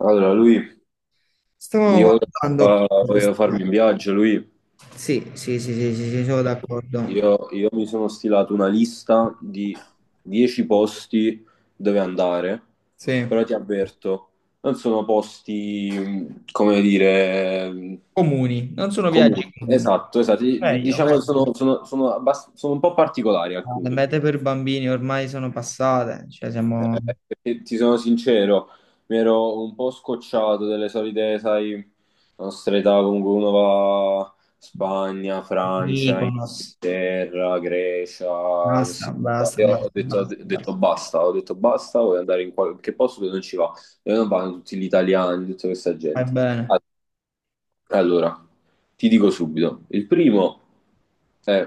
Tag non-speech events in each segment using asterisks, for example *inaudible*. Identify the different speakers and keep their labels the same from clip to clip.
Speaker 1: Allora, lui,
Speaker 2: Stavamo
Speaker 1: io
Speaker 2: guardando.
Speaker 1: eh, volevo farmi un viaggio. lui,
Speaker 2: Sì, sì, sì, sì, sì, sì, sono d'accordo.
Speaker 1: io, io mi sono stilato una lista di 10 posti dove andare,
Speaker 2: Sì.
Speaker 1: però ti avverto, non sono posti, come dire,
Speaker 2: Comuni, non sono viaggi
Speaker 1: comuni.
Speaker 2: comuni.
Speaker 1: Esatto, esatto,
Speaker 2: Meglio,
Speaker 1: diciamo che
Speaker 2: meglio.
Speaker 1: sono, sono sono un po' particolari
Speaker 2: Le
Speaker 1: alcuni.
Speaker 2: mete per bambini ormai sono passate, cioè siamo
Speaker 1: Eh, ti sono sincero, mi ero un po' scocciato delle solite, sai, la nostra età, comunque uno va Spagna, Francia,
Speaker 2: Mykonos.
Speaker 1: Inghilterra, Grecia,
Speaker 2: Basta,
Speaker 1: così. Qua.
Speaker 2: basta,
Speaker 1: Io
Speaker 2: basta, basta, basta.
Speaker 1: ho detto basta, voglio andare in qualche posto dove non ci va. E non vanno tutti gli italiani, tutta questa
Speaker 2: Vai
Speaker 1: gente.
Speaker 2: bene.
Speaker 1: All- Allora, ti dico subito, il primo è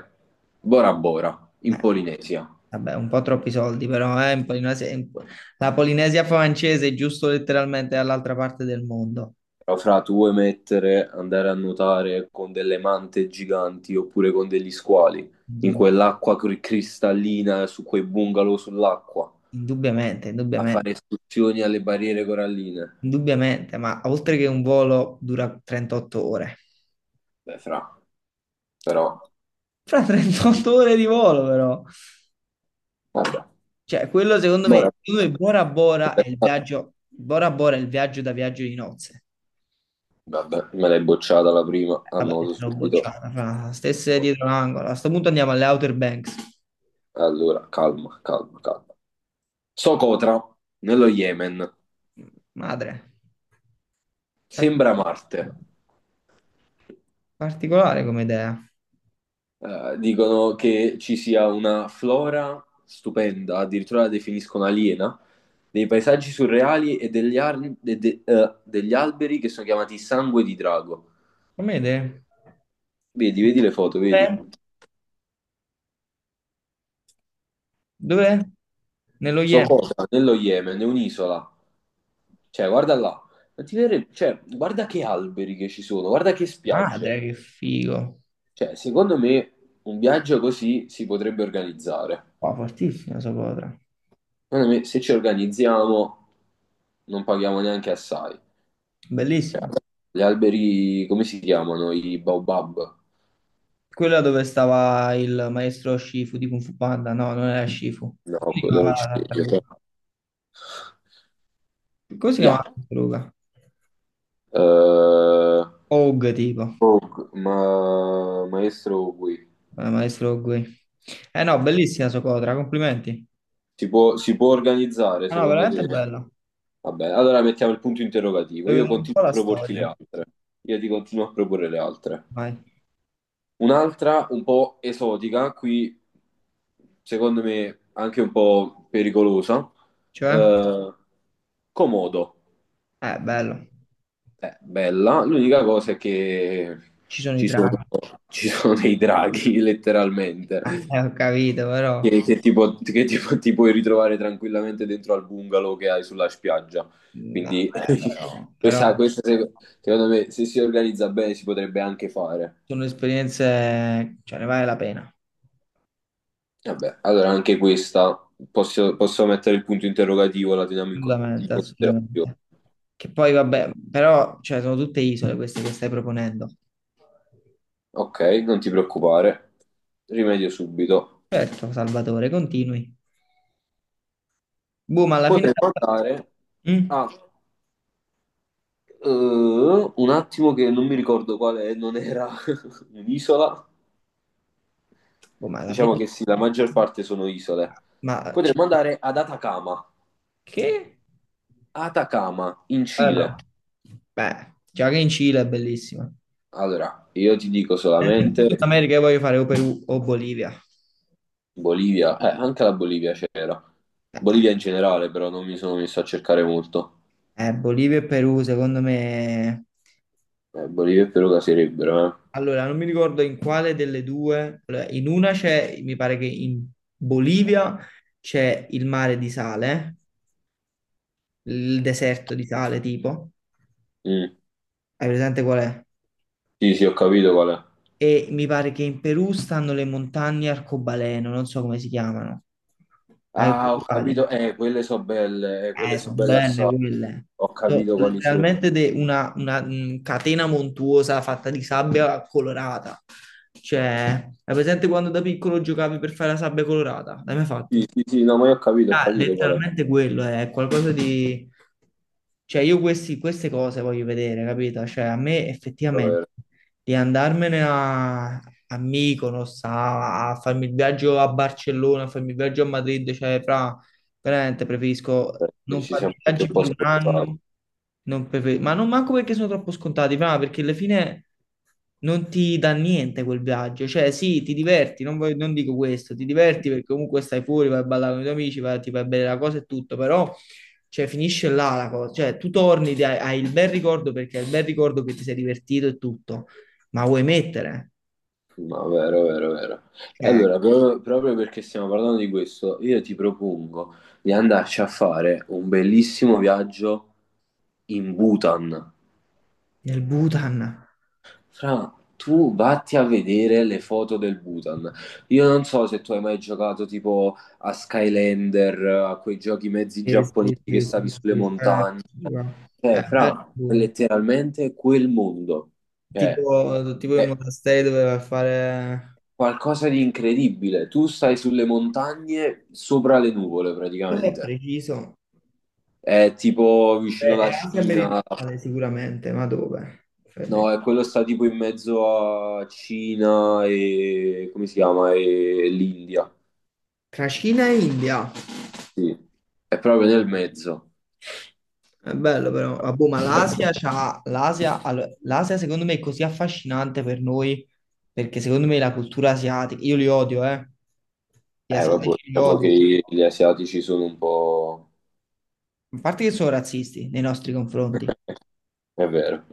Speaker 1: Bora Bora, in
Speaker 2: Eh,
Speaker 1: Polinesia.
Speaker 2: Vabbè, un po' troppi soldi, però in la Polinesia francese è giusto letteralmente dall'altra parte del mondo.
Speaker 1: Però fra tu vuoi mettere, andare a nuotare con delle mante giganti oppure con degli squali, in
Speaker 2: Indubbi-
Speaker 1: quell'acqua cristallina, su quei bungalow sull'acqua,
Speaker 2: Indubbiamente,
Speaker 1: a fare
Speaker 2: indubbiamente.
Speaker 1: escursioni alle barriere coralline.
Speaker 2: Indubbiamente, ma oltre che un volo dura 38 ore.
Speaker 1: Beh, fra, però,
Speaker 2: Fra 38 ore di volo, però.
Speaker 1: vabbè.
Speaker 2: Cioè, quello
Speaker 1: Ora-
Speaker 2: secondo me Bora Bora è il viaggio, Bora Bora è il viaggio da viaggio di nozze.
Speaker 1: Vabbè, me l'hai bocciata la prima,
Speaker 2: Vabbè,
Speaker 1: annoto
Speaker 2: l'ho
Speaker 1: subito.
Speaker 2: bocciata, fra stesse dietro l'angolo. A sto punto andiamo alle Outer Banks.
Speaker 1: Allora, calma, calma, calma. Socotra, nello Yemen,
Speaker 2: Madre,
Speaker 1: sembra
Speaker 2: particolare,
Speaker 1: Marte.
Speaker 2: particolare come idea.
Speaker 1: Dicono che ci sia una flora stupenda, addirittura la definiscono aliena, dei paesaggi surreali e degli, ar- de- de- degli alberi che sono chiamati sangue di drago.
Speaker 2: Come idea?
Speaker 1: Vedi, vedi le foto, vedi.
Speaker 2: Dov'è? Dov'è? Nello
Speaker 1: So
Speaker 2: Yemen.
Speaker 1: cosa, nello Yemen, è un'isola. Cioè, guarda là. Cioè, guarda che alberi che ci sono, guarda che spiagge.
Speaker 2: Madre, che figo.
Speaker 1: Cioè, secondo me un viaggio così si potrebbe organizzare.
Speaker 2: Qua fortissima sta cosa.
Speaker 1: Secondo me, se ci organizziamo, non paghiamo neanche assai.
Speaker 2: Bellissima.
Speaker 1: Gli alberi, come si chiamano? I baobab?
Speaker 2: Quella dove stava il maestro Shifu di Kung Fu Panda. No, non era Shifu. Come
Speaker 1: No,
Speaker 2: si
Speaker 1: quello era
Speaker 2: chiamava
Speaker 1: un
Speaker 2: la
Speaker 1: ciliegio.
Speaker 2: tartaruga? Come si chiamava
Speaker 1: Ya.
Speaker 2: la tartaruga?
Speaker 1: Eh,
Speaker 2: Og tipo.
Speaker 1: oh, ma, maestro qui,
Speaker 2: Maestro Og. Eh no, bellissima Socotra, complimenti.
Speaker 1: si può organizzare
Speaker 2: Ah, no,
Speaker 1: secondo
Speaker 2: veramente
Speaker 1: te?
Speaker 2: bella.
Speaker 1: Vabbè, allora mettiamo il punto interrogativo.
Speaker 2: Vuoi
Speaker 1: Io
Speaker 2: vedere un
Speaker 1: continuo
Speaker 2: po'
Speaker 1: a
Speaker 2: la
Speaker 1: proporti le
Speaker 2: storia?
Speaker 1: altre. Io ti continuo a proporre le altre.
Speaker 2: Vai.
Speaker 1: Un'altra un po' esotica, qui secondo me anche un po' pericolosa.
Speaker 2: Cioè?
Speaker 1: Eh, Comodo.
Speaker 2: Bello.
Speaker 1: Bella, l'unica cosa è che
Speaker 2: Ci sono i
Speaker 1: ci sono,
Speaker 2: draghi.
Speaker 1: ci sono dei draghi, *laughs*
Speaker 2: Ah,
Speaker 1: letteralmente,
Speaker 2: ho capito, però...
Speaker 1: che tipo ti puoi ritrovare tranquillamente dentro al bungalow che hai sulla spiaggia.
Speaker 2: No,
Speaker 1: Quindi
Speaker 2: beh, però...
Speaker 1: *laughs*
Speaker 2: Però
Speaker 1: questa secondo me, se si organizza bene, si potrebbe anche fare.
Speaker 2: sono esperienze... Cioè, ne vale la pena.
Speaker 1: Vabbè, allora anche questa posso mettere il punto interrogativo, la teniamo in
Speaker 2: Assolutamente,
Speaker 1: considerazione.
Speaker 2: assolutamente. Che poi vabbè, però cioè, sono tutte isole queste che stai proponendo.
Speaker 1: Ok, non ti preoccupare, rimedio subito.
Speaker 2: Certo, Salvatore, continui. Boh, ma alla fine...
Speaker 1: Potremmo andare
Speaker 2: Mm?
Speaker 1: a un attimo che non mi ricordo quale non era *laughs* un'isola.
Speaker 2: Boh, ma alla
Speaker 1: Diciamo
Speaker 2: fine...
Speaker 1: che sì, la maggior parte sono isole.
Speaker 2: Ma... cioè,
Speaker 1: Potremmo andare ad Atacama,
Speaker 2: che?
Speaker 1: Atacama in Cile.
Speaker 2: Bello. Beh, già che in Cile è bellissima.
Speaker 1: Allora, io ti dico
Speaker 2: In
Speaker 1: solamente
Speaker 2: Sud America io voglio fare o Perù o Bolivia.
Speaker 1: Bolivia, anche la Bolivia c'era.
Speaker 2: Eh,
Speaker 1: Bolivia in generale, però non mi sono messo a cercare molto.
Speaker 2: Bolivia e Perù, secondo me...
Speaker 1: Bolivia e Perù caserebbero, eh.
Speaker 2: Allora, non mi ricordo in quale delle due, allora, in una c'è, mi pare che in Bolivia c'è il mare di sale, il deserto di sale tipo,
Speaker 1: Mm.
Speaker 2: hai presente qual è?
Speaker 1: Sì, sì, ho capito qual è.
Speaker 2: E mi pare che in Perù stanno le montagne arcobaleno, non so come si chiamano. Hai
Speaker 1: Ah,
Speaker 2: presente
Speaker 1: ho
Speaker 2: quali?
Speaker 1: capito, quelle so
Speaker 2: Sono
Speaker 1: belle
Speaker 2: belle
Speaker 1: assai.
Speaker 2: quelle.
Speaker 1: Ho capito
Speaker 2: Sono
Speaker 1: quali sono.
Speaker 2: letteralmente una, catena montuosa fatta di sabbia colorata. Cioè, hai presente quando da piccolo giocavi per fare la sabbia colorata? L'hai mai
Speaker 1: Sì,
Speaker 2: fatto?
Speaker 1: sì, sì, no, ma io ho
Speaker 2: Ah,
Speaker 1: capito qual è.
Speaker 2: letteralmente quello è qualcosa di... Cioè, io queste cose voglio vedere, capito? Cioè, a me effettivamente
Speaker 1: Vero,
Speaker 2: di andarmene a, a Mykonos, a, a farmi il viaggio a Barcellona, a farmi il viaggio a Madrid, cioè, fra, veramente preferisco
Speaker 1: vero.
Speaker 2: non
Speaker 1: E ci
Speaker 2: farmi
Speaker 1: siamo anche un
Speaker 2: viaggi
Speaker 1: po'
Speaker 2: per un
Speaker 1: scordati.
Speaker 2: anno, non prefer- ma non manco perché sono troppo scontati, ma perché alla fine non ti dà niente quel viaggio, cioè sì, ti diverti, non, non dico questo, ti diverti perché comunque stai fuori, vai a ballare con i tuoi amici, vai, ti fai bene la cosa e tutto, però cioè, finisce là la cosa, cioè tu torni, hai il bel ricordo perché hai il bel ricordo che ti sei divertito e tutto, ma vuoi mettere?
Speaker 1: No, vero, vero, vero. E
Speaker 2: Cioè,
Speaker 1: allora, proprio perché stiamo parlando di questo, io ti propongo di andarci a fare un bellissimo viaggio in Bhutan.
Speaker 2: nel Bhutan.
Speaker 1: Fra, tu vatti a vedere le foto del Bhutan. Io non so se tu hai mai giocato tipo a Skylander, a quei giochi mezzi
Speaker 2: Sì,
Speaker 1: giapponesi
Speaker 2: sì,
Speaker 1: che
Speaker 2: sì,
Speaker 1: stavi
Speaker 2: sì,
Speaker 1: sulle
Speaker 2: sì, sì,
Speaker 1: montagne.
Speaker 2: bello il
Speaker 1: Fra, è
Speaker 2: Bhutan.
Speaker 1: letteralmente quel mondo,
Speaker 2: Tipo,
Speaker 1: cioè,
Speaker 2: tipo i
Speaker 1: è
Speaker 2: monasteri doveva fare,
Speaker 1: qualcosa di incredibile. Tu stai sulle montagne sopra le nuvole
Speaker 2: cosa è
Speaker 1: praticamente.
Speaker 2: preciso?
Speaker 1: È tipo vicino
Speaker 2: È
Speaker 1: alla
Speaker 2: Asia
Speaker 1: Cina,
Speaker 2: meridionale sicuramente, ma dove? Fede.
Speaker 1: no, è quello sta tipo in mezzo a Cina e come si chiama? E l'India,
Speaker 2: Tra Cina e India,
Speaker 1: sì. È proprio nel mezzo.
Speaker 2: è bello però. Ah, boh, ma l'Asia c'ha, l'Asia, allora, l'Asia secondo me è così affascinante per noi, perché secondo me la cultura asiatica, io li odio, gli
Speaker 1: Vabbè,
Speaker 2: asiatici li
Speaker 1: diciamo
Speaker 2: odio,
Speaker 1: che gli asiatici sono un po'...
Speaker 2: a parte che sono razzisti nei nostri confronti,
Speaker 1: *laughs* È vero.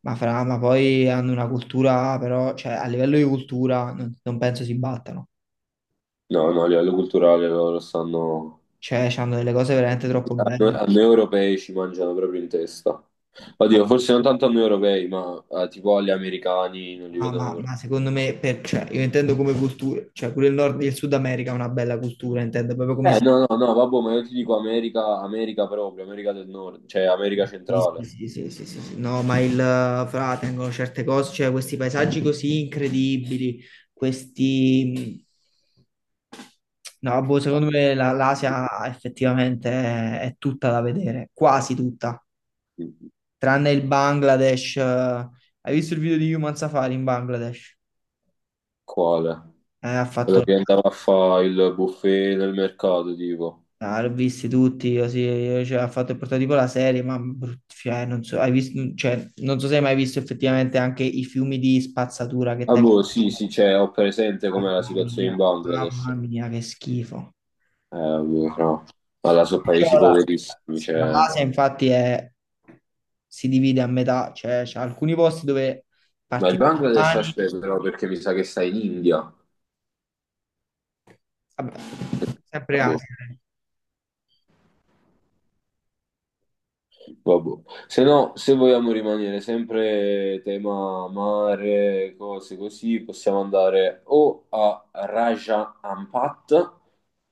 Speaker 2: ma, fra, ma poi hanno una cultura, però, cioè, a livello di cultura non penso si battano.
Speaker 1: No, no, a livello culturale loro stanno...
Speaker 2: Cioè, hanno delle cose veramente troppo
Speaker 1: A
Speaker 2: belle.
Speaker 1: noi europei ci mangiano proprio in testa.
Speaker 2: Ma,
Speaker 1: Oddio, forse non tanto a noi europei, ma tipo agli americani non li
Speaker 2: ah,
Speaker 1: vedono proprio.
Speaker 2: ma secondo me, cioè, io intendo come cultura, cioè pure il Nord e il Sud America è una bella cultura, intendo proprio come si...
Speaker 1: No, no, no, vabbè, ma io ti dico America, America proprio, America del Nord, cioè America
Speaker 2: Sì, sì,
Speaker 1: centrale.
Speaker 2: sì, sì, sì, sì, sì. No, ma il fra tengono certe cose, cioè questi paesaggi così incredibili, questi... No, boh, secondo me l'Asia effettivamente è tutta da vedere, quasi tutta. Tranne il Bangladesh. Eh, hai visto il video di Human Safari in Bangladesh?
Speaker 1: Quale?
Speaker 2: Ha
Speaker 1: Quello
Speaker 2: fatto,
Speaker 1: che andava a fare il buffet nel mercato, tipo.
Speaker 2: ah, l'ho visti tutti, così, cioè, ha fatto il prototipo la serie, ma cioè, non so, hai visto, cioè, non so se hai mai visto effettivamente anche i fiumi di spazzatura che
Speaker 1: Ah,
Speaker 2: tengono.
Speaker 1: boh, sì, sì, cioè, ho presente com'è la situazione in Bangladesh.
Speaker 2: Mamma mia, che schifo.
Speaker 1: Boh, fra. Ma là sono
Speaker 2: Cioè,
Speaker 1: paesi
Speaker 2: la,
Speaker 1: poverissimi,
Speaker 2: la
Speaker 1: cioè...
Speaker 2: Asia infatti si divide a metà, cioè c'è alcuni posti dove
Speaker 1: Ma il
Speaker 2: parti
Speaker 1: Bangladesh
Speaker 2: domani,
Speaker 1: aspetta però perché mi sa che sta in India.
Speaker 2: vabbè, sempre
Speaker 1: Vabbè,
Speaker 2: Asia.
Speaker 1: vabbè. Se no, se vogliamo rimanere sempre tema mare, cose così, possiamo andare o a Raja Ampat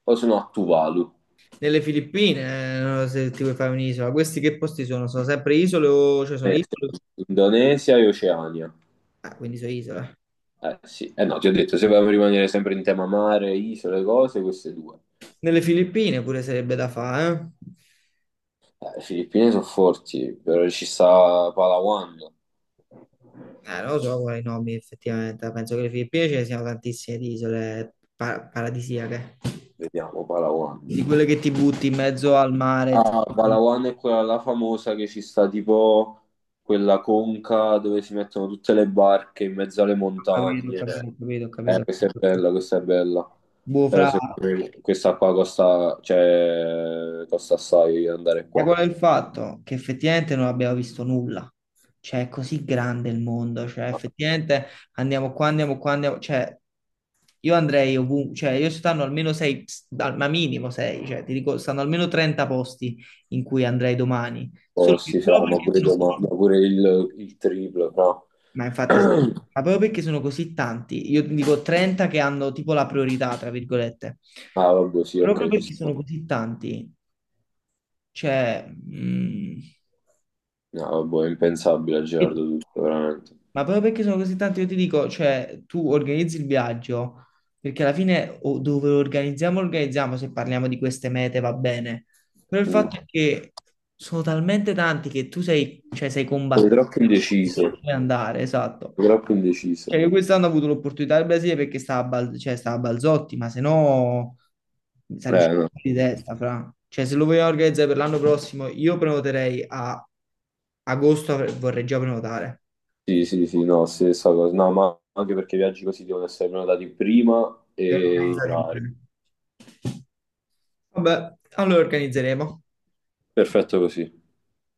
Speaker 1: o se no a Tuvalu.
Speaker 2: Nelle Filippine, non so se ti vuoi fare un'isola, questi che posti sono? Sono sempre isole o cioè sono isole?
Speaker 1: Sì. Indonesia e Oceania.
Speaker 2: Ah, quindi sono isole.
Speaker 1: Eh sì, eh no, ti ho detto, se vogliamo rimanere sempre in tema mare, isole, cose, queste due.
Speaker 2: Nelle Filippine pure sarebbe da fare,
Speaker 1: Le Filippine sono forti, però ci sta Palawan.
Speaker 2: eh? Non lo so quali nomi effettivamente, penso che le Filippine ce ne siano tantissime di isole paradisiache,
Speaker 1: Vediamo Palawan.
Speaker 2: di quelle che ti butti in mezzo al mare. Ti-
Speaker 1: Ah, Palawan è quella là famosa che ci sta tipo quella conca dove si mettono tutte le barche in mezzo alle
Speaker 2: ho capito, ho
Speaker 1: montagne.
Speaker 2: capito, ho capito, ho
Speaker 1: Questa è
Speaker 2: capito.
Speaker 1: bella, questa è bella.
Speaker 2: Boh,
Speaker 1: Però
Speaker 2: fra...
Speaker 1: secondo me questa qua costa, cioè, costa assai andare
Speaker 2: è
Speaker 1: qua.
Speaker 2: quello è il fatto che effettivamente non abbiamo visto nulla. Cioè, è così grande il mondo, cioè, effettivamente andiamo qua, andiamo qua, andiamo... Cioè, io andrei ovunque, cioè, io stanno almeno sei, ma minimo sei, cioè, ti dico, stanno almeno 30 posti in cui andrei domani.
Speaker 1: Oh,
Speaker 2: Solo che
Speaker 1: sì, fra,
Speaker 2: proprio
Speaker 1: ma
Speaker 2: perché
Speaker 1: pure,
Speaker 2: sono... così-
Speaker 1: ma pure il triplo, no?
Speaker 2: Ma infatti, sì.
Speaker 1: *clears throat*
Speaker 2: Ma proprio perché sono così tanti, io ti dico 30 che hanno tipo la priorità, tra virgolette.
Speaker 1: Ah, vabbè, sì,
Speaker 2: Proprio
Speaker 1: ok, ci
Speaker 2: perché sono
Speaker 1: sta.
Speaker 2: così tanti, cioè... mm,
Speaker 1: No, vabbè, è impensabile a Gerardo tutto, veramente.
Speaker 2: ma proprio perché sono così tanti, io ti dico, cioè, tu organizzi il viaggio, perché alla fine o dove lo organizziamo, se parliamo di queste mete va bene. Però il
Speaker 1: Mm.
Speaker 2: fatto è che sono talmente tanti che tu sei, cioè, sei
Speaker 1: Sei
Speaker 2: combattuto
Speaker 1: troppo
Speaker 2: per
Speaker 1: indeciso,
Speaker 2: scegliere dove andare, esatto.
Speaker 1: sei troppo
Speaker 2: Cioè,
Speaker 1: indeciso.
Speaker 2: io quest'anno ho avuto l'opportunità del Brasile perché stava a, cioè, stava a Balzotti, ma se no mi sarei
Speaker 1: Eh,
Speaker 2: uscito
Speaker 1: no.
Speaker 2: di testa, fra. Cioè, se lo vogliamo organizzare per l'anno prossimo, io prenoterei a agosto, vorrei già prenotare.
Speaker 1: Sì, sì, sì, no, stessa cosa. No, ma anche perché i viaggi così devono essere prenotati prima
Speaker 2: E
Speaker 1: e in
Speaker 2: organizzate
Speaker 1: orario.
Speaker 2: bene. Vabbè, allora organizzeremo.
Speaker 1: Perfetto così.